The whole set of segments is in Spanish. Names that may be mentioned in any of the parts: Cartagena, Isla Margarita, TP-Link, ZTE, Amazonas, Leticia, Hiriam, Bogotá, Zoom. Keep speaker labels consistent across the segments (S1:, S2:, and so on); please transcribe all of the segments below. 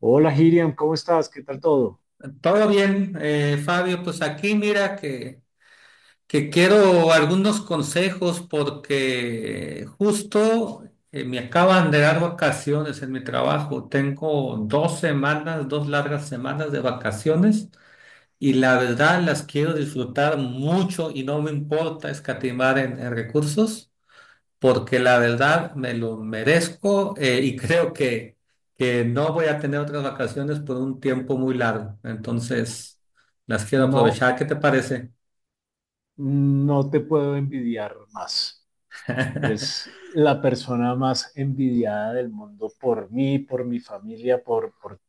S1: Hola, Hiriam, ¿cómo estás? ¿Qué tal todo?
S2: Todo bien, Fabio, pues aquí mira que quiero algunos consejos porque justo me acaban de dar vacaciones en mi trabajo. Tengo 2 semanas, 2 largas semanas de vacaciones y la verdad las quiero disfrutar mucho y no me importa escatimar en recursos porque la verdad me lo merezco y creo que no voy a tener otras vacaciones por un tiempo muy largo. Entonces, las quiero
S1: No,
S2: aprovechar. ¿Qué te parece?
S1: no te puedo envidiar más. Eres la persona más envidiada del mundo por mí, por mi familia, por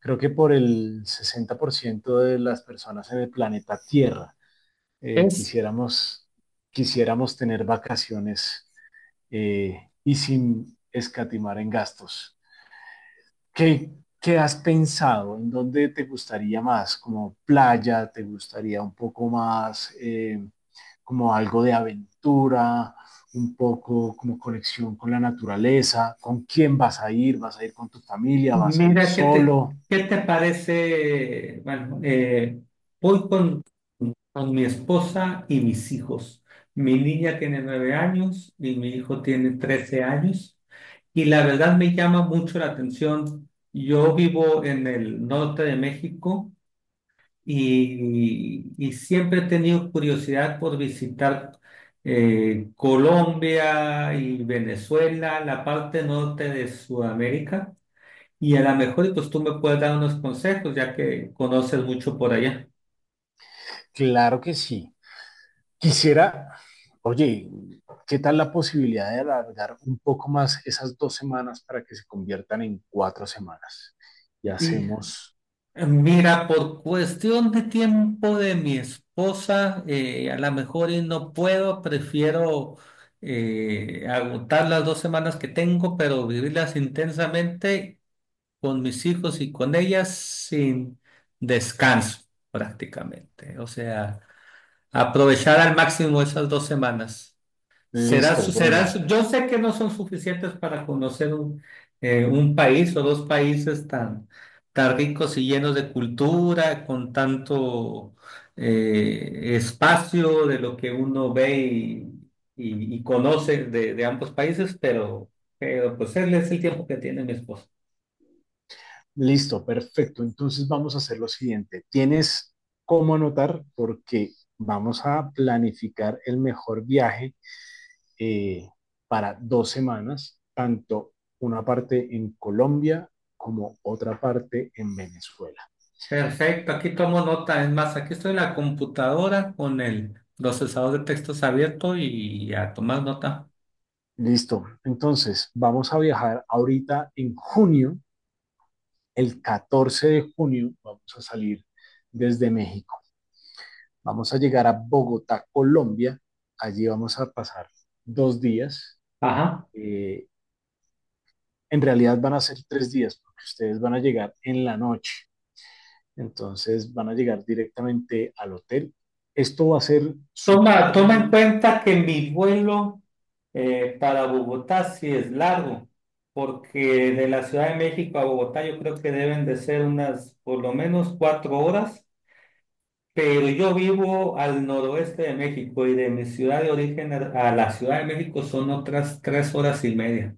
S1: creo que por el 60% de las personas en el planeta Tierra. Eh,
S2: Es
S1: quisiéramos, quisiéramos tener vacaciones y sin escatimar en gastos. ¿Qué, qué has pensado? ¿En dónde te gustaría más? ¿Como playa? ¿Te gustaría un poco más como algo de aventura? ¿Un poco como conexión con la naturaleza? ¿Con quién vas a ir? ¿Vas a ir con tu familia? ¿Vas a ir
S2: Mira, ¿
S1: solo?
S2: qué te parece? Bueno, voy con mi esposa y mis hijos. Mi niña tiene 9 años y mi hijo tiene 13 años. Y la verdad me llama mucho la atención. Yo vivo en el norte de México y siempre he tenido curiosidad por visitar Colombia y Venezuela, la parte norte de Sudamérica. Y a lo mejor y pues tú me puedes dar unos consejos, ya que conoces mucho por allá.
S1: Claro que sí. Quisiera, oye, ¿qué tal la posibilidad de alargar un poco más esas 2 semanas para que se conviertan en 4 semanas? Y
S2: Y
S1: hacemos,
S2: mira, por cuestión de tiempo de mi esposa, a lo mejor y no puedo, prefiero agotar las 2 semanas que tengo, pero vivirlas intensamente con mis hijos y con ellas sin descanso prácticamente. O sea, aprovechar al máximo esas 2 semanas.
S1: listo, bueno.
S2: Yo sé que no son suficientes para conocer un país o dos países tan, tan ricos y llenos de cultura, con tanto espacio de lo que uno ve y conoce de ambos países, pero pues él es el tiempo que tiene mi esposo.
S1: Listo, perfecto. Entonces vamos a hacer lo siguiente. Tienes cómo anotar porque vamos a planificar el mejor viaje eh, para 2 semanas, tanto una parte en Colombia como otra parte en Venezuela.
S2: Perfecto, aquí tomo nota. Es más, aquí estoy en la computadora con el procesador de textos abierto y a tomar nota.
S1: Listo. Entonces vamos a viajar ahorita en junio, el 14 de junio, vamos a salir desde México. Vamos a llegar a Bogotá, Colombia. Allí vamos a pasar 2 días.
S2: Ajá.
S1: Eh, en realidad van a ser 3 días, porque ustedes van a llegar en la noche, entonces van a llegar directamente al hotel. Esto va a ser
S2: Toma, toma en
S1: supremo.
S2: cuenta que mi vuelo para Bogotá sí es largo, porque de la Ciudad de México a Bogotá yo creo que deben de ser unas por lo menos 4 horas, pero yo vivo al noroeste de México y de mi ciudad de origen a la Ciudad de México son otras 3 horas y media.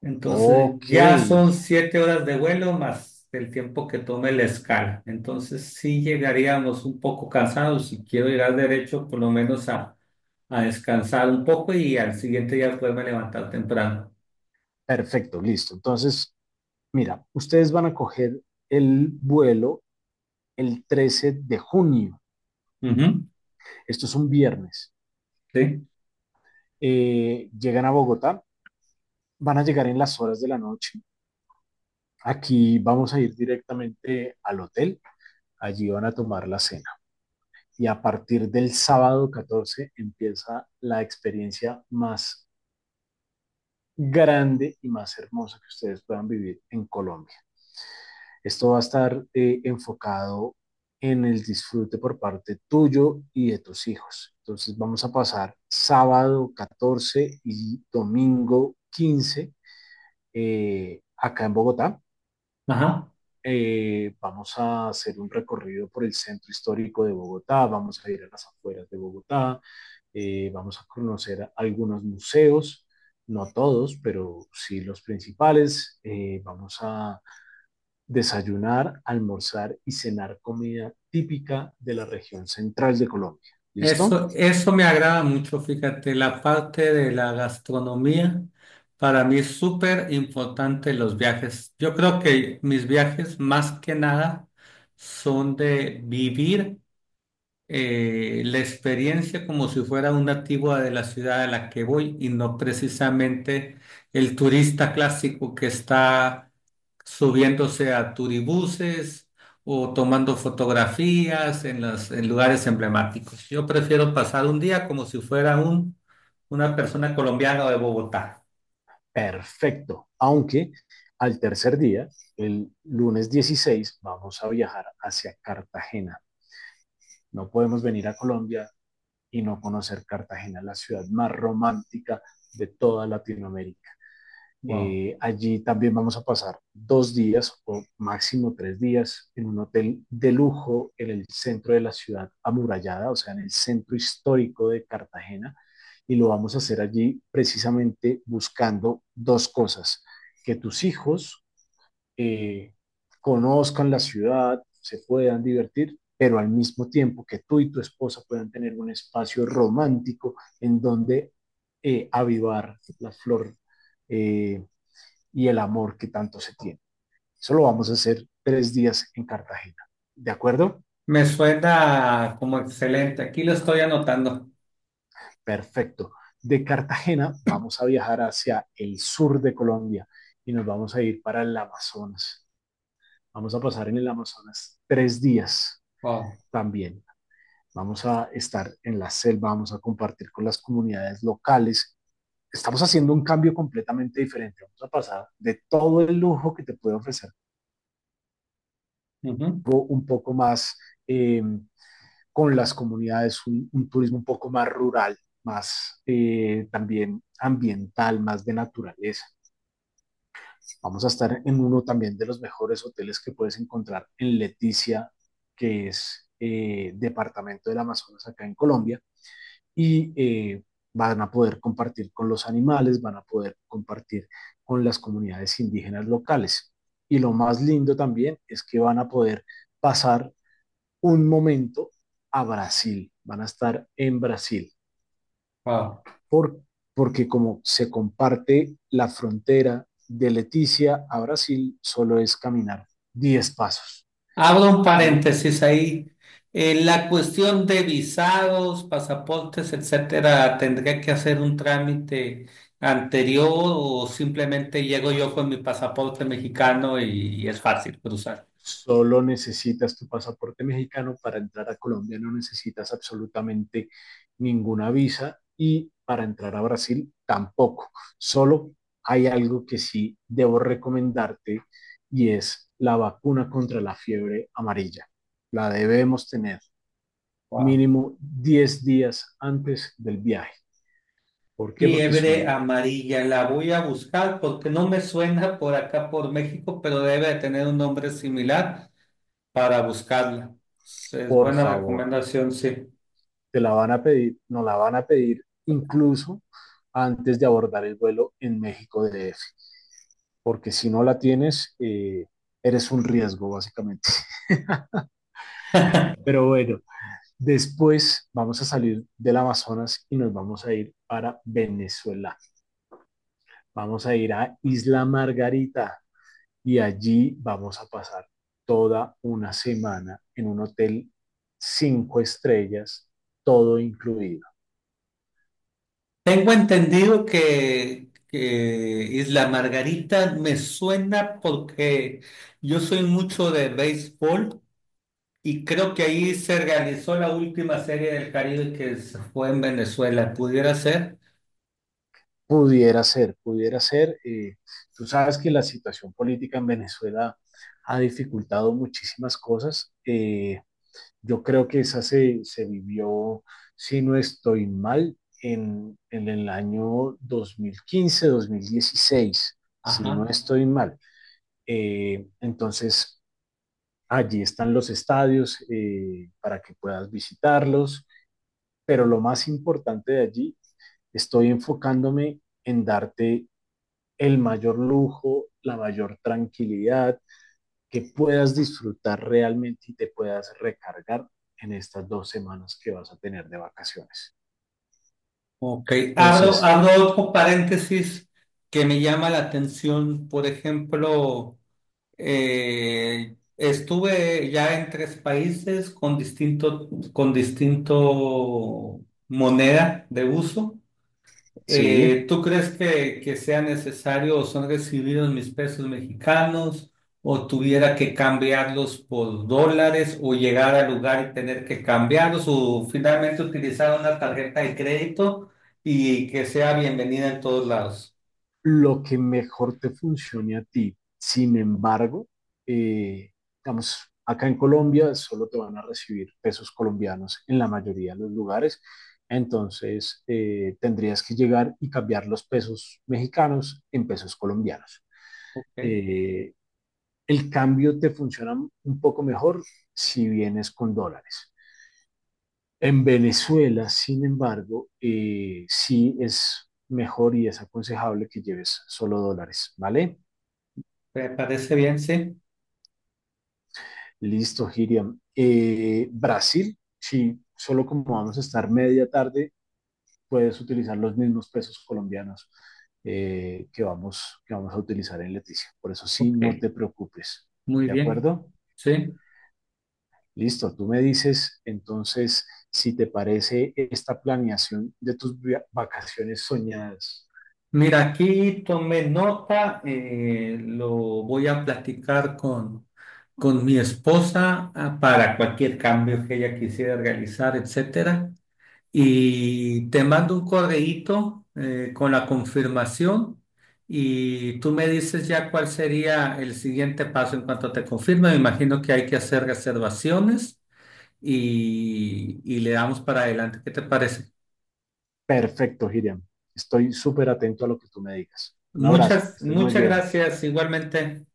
S2: Entonces
S1: Ok,
S2: ya son 7 horas de vuelo más el tiempo que tome la escala. Entonces sí llegaríamos un poco cansados. Si quiero llegar derecho, por lo menos a descansar un poco y al siguiente día poderme levantar temprano.
S1: perfecto, listo. Entonces, mira, ustedes van a coger el vuelo el 13 de junio.
S2: Ujú,
S1: Esto es un viernes.
S2: sí,
S1: Llegan a Bogotá, van a llegar en las horas de la noche. Aquí vamos a ir directamente al hotel. Allí van a tomar la cena. Y a partir del sábado 14 empieza la experiencia más grande y más hermosa que ustedes puedan vivir en Colombia. Esto va a estar enfocado en el disfrute por parte tuyo y de tus hijos. Entonces vamos a pasar sábado 14 y domingo 15 acá en Bogotá.
S2: ajá.
S1: Vamos a hacer un recorrido por el centro histórico de Bogotá, vamos a ir a las afueras de Bogotá, vamos a conocer algunos museos, no todos, pero sí los principales. Vamos a desayunar, almorzar y cenar comida típica de la región central de Colombia. ¿Listo?
S2: Eso me agrada mucho, fíjate, la parte de la gastronomía. Para mí es súper importante los viajes. Yo creo que mis viajes más que nada son de vivir la experiencia como si fuera un nativo de la ciudad a la que voy y no precisamente el turista clásico que está subiéndose a turibuses o tomando fotografías en en lugares emblemáticos. Yo prefiero pasar un día como si fuera una persona colombiana de Bogotá.
S1: Perfecto. Aunque al tercer día, el lunes 16, vamos a viajar hacia Cartagena. No podemos venir a Colombia y no conocer Cartagena, la ciudad más romántica de toda Latinoamérica.
S2: Wow.
S1: Allí también vamos a pasar 2 días o máximo 3 días en un hotel de lujo en el centro de la ciudad amurallada, o sea, en el centro histórico de Cartagena. Y lo vamos a hacer allí precisamente buscando dos cosas, que tus hijos eh, conozcan la ciudad, se puedan divertir, pero al mismo tiempo que tú y tu esposa puedan tener un espacio romántico en donde avivar la flor eh, y el amor que tanto se tiene. Eso lo vamos a hacer 3 días en Cartagena. ¿De acuerdo?
S2: Me suena como excelente. Aquí lo estoy anotando.
S1: Perfecto. De Cartagena vamos a viajar hacia el sur de Colombia y nos vamos a ir para el Amazonas. Vamos a pasar en el Amazonas 3 días
S2: Wow.
S1: también. Vamos a estar en la selva, vamos a compartir con las comunidades locales. Estamos haciendo un cambio completamente diferente. Vamos a pasar de todo el lujo que te puede ofrecer
S2: Ujú.
S1: un poco más eh, con las comunidades, turismo un poco más rural, más también ambiental, más de naturaleza. Vamos a estar en uno también de los mejores hoteles que puedes encontrar en Leticia, que es departamento del Amazonas acá en Colombia. Y van a poder compartir con los animales, van a poder compartir con las comunidades indígenas locales. Y lo más lindo también es que van a poder pasar un momento a Brasil, van a estar en Brasil,
S2: Wow.
S1: por, porque como se comparte la frontera de Leticia a Brasil, solo es caminar 10 pasos.
S2: Abro un
S1: ¿Sí?
S2: paréntesis ahí. La cuestión de visados, pasaportes, etcétera, ¿tendría que hacer un trámite anterior o simplemente llego yo con mi pasaporte mexicano y es fácil cruzar?
S1: Solo necesitas tu pasaporte mexicano para entrar a Colombia, no necesitas absolutamente ninguna visa y para entrar a Brasil tampoco. Solo hay algo que sí debo recomendarte y es la vacuna contra la fiebre amarilla. La debemos tener
S2: Wow.
S1: mínimo 10 días antes del viaje. ¿Por qué? Porque
S2: Fiebre
S1: son,
S2: amarilla, la voy a buscar porque no me suena por acá por México, pero debe de tener un nombre similar para buscarla. Es
S1: por
S2: buena
S1: favor,
S2: recomendación, sí.
S1: te la van a pedir, nos la van a pedir incluso antes de abordar el vuelo en México DF, porque si no la tienes, eres un riesgo básicamente. Pero bueno, después vamos a salir del Amazonas y nos vamos a ir para Venezuela. Vamos a ir a Isla Margarita y allí vamos a pasar toda una semana en un hotel 5 estrellas, todo incluido.
S2: Tengo entendido que Isla Margarita me suena porque yo soy mucho de béisbol y creo que ahí se realizó la última serie del Caribe que se fue en Venezuela. ¿Pudiera ser?
S1: Pudiera ser, pudiera ser. Tú sabes que la situación política en Venezuela ha dificultado muchísimas cosas. Yo creo que esa se vivió, si no estoy mal, en el año 2015 mil dieciséis si no
S2: Ajá.
S1: estoy mal. Entonces, allí están los estadios para que puedas visitarlos, pero lo más importante de allí, estoy enfocándome en darte el mayor lujo, la mayor tranquilidad, que puedas disfrutar realmente y te puedas recargar en estas 2 semanas que vas a tener de vacaciones.
S2: Ok.
S1: Entonces,
S2: Abro otro paréntesis que me llama la atención. Por ejemplo. Estuve ya en tres países con distinto moneda de uso.
S1: sí,
S2: ¿Tú crees que sea necesario o son recibidos mis pesos mexicanos o tuviera que cambiarlos por dólares o llegar al lugar y tener que cambiarlos o finalmente utilizar una tarjeta de crédito y que sea bienvenida en todos lados?
S1: lo que mejor te funcione a ti. Sin embargo, eh, digamos, acá en Colombia solo te van a recibir pesos colombianos en la mayoría de los lugares. Entonces, tendrías que llegar y cambiar los pesos mexicanos en pesos colombianos.
S2: Ok,
S1: Eh, el cambio te funciona un poco mejor si vienes con dólares. En Venezuela, sin embargo, sí es mejor y es aconsejable que lleves solo dólares, ¿vale?
S2: ¿me parece bien? Sí.
S1: Listo, Hiriam. Brasil, sí, solo como vamos a estar media tarde, puedes utilizar los mismos pesos colombianos que vamos a utilizar en Leticia. Por eso sí,
S2: Ok,
S1: no te preocupes,
S2: muy
S1: ¿de
S2: bien.
S1: acuerdo?
S2: Sí.
S1: Listo, tú me dices entonces si te parece esta planeación de tus vacaciones soñadas.
S2: Mira, aquí tomé nota, lo voy a platicar con mi esposa ah, para cualquier cambio que ella quisiera realizar, etcétera. Y te mando un correíto con la confirmación y tú me dices ya cuál sería el siguiente paso en cuanto te confirme. Me imagino que hay que hacer reservaciones y le damos para adelante. ¿Qué te parece?
S1: Perfecto, Giriam. Estoy súper atento a lo que tú me digas. Un abrazo, que
S2: Muchas,
S1: estés muy
S2: muchas
S1: bien.
S2: gracias igualmente.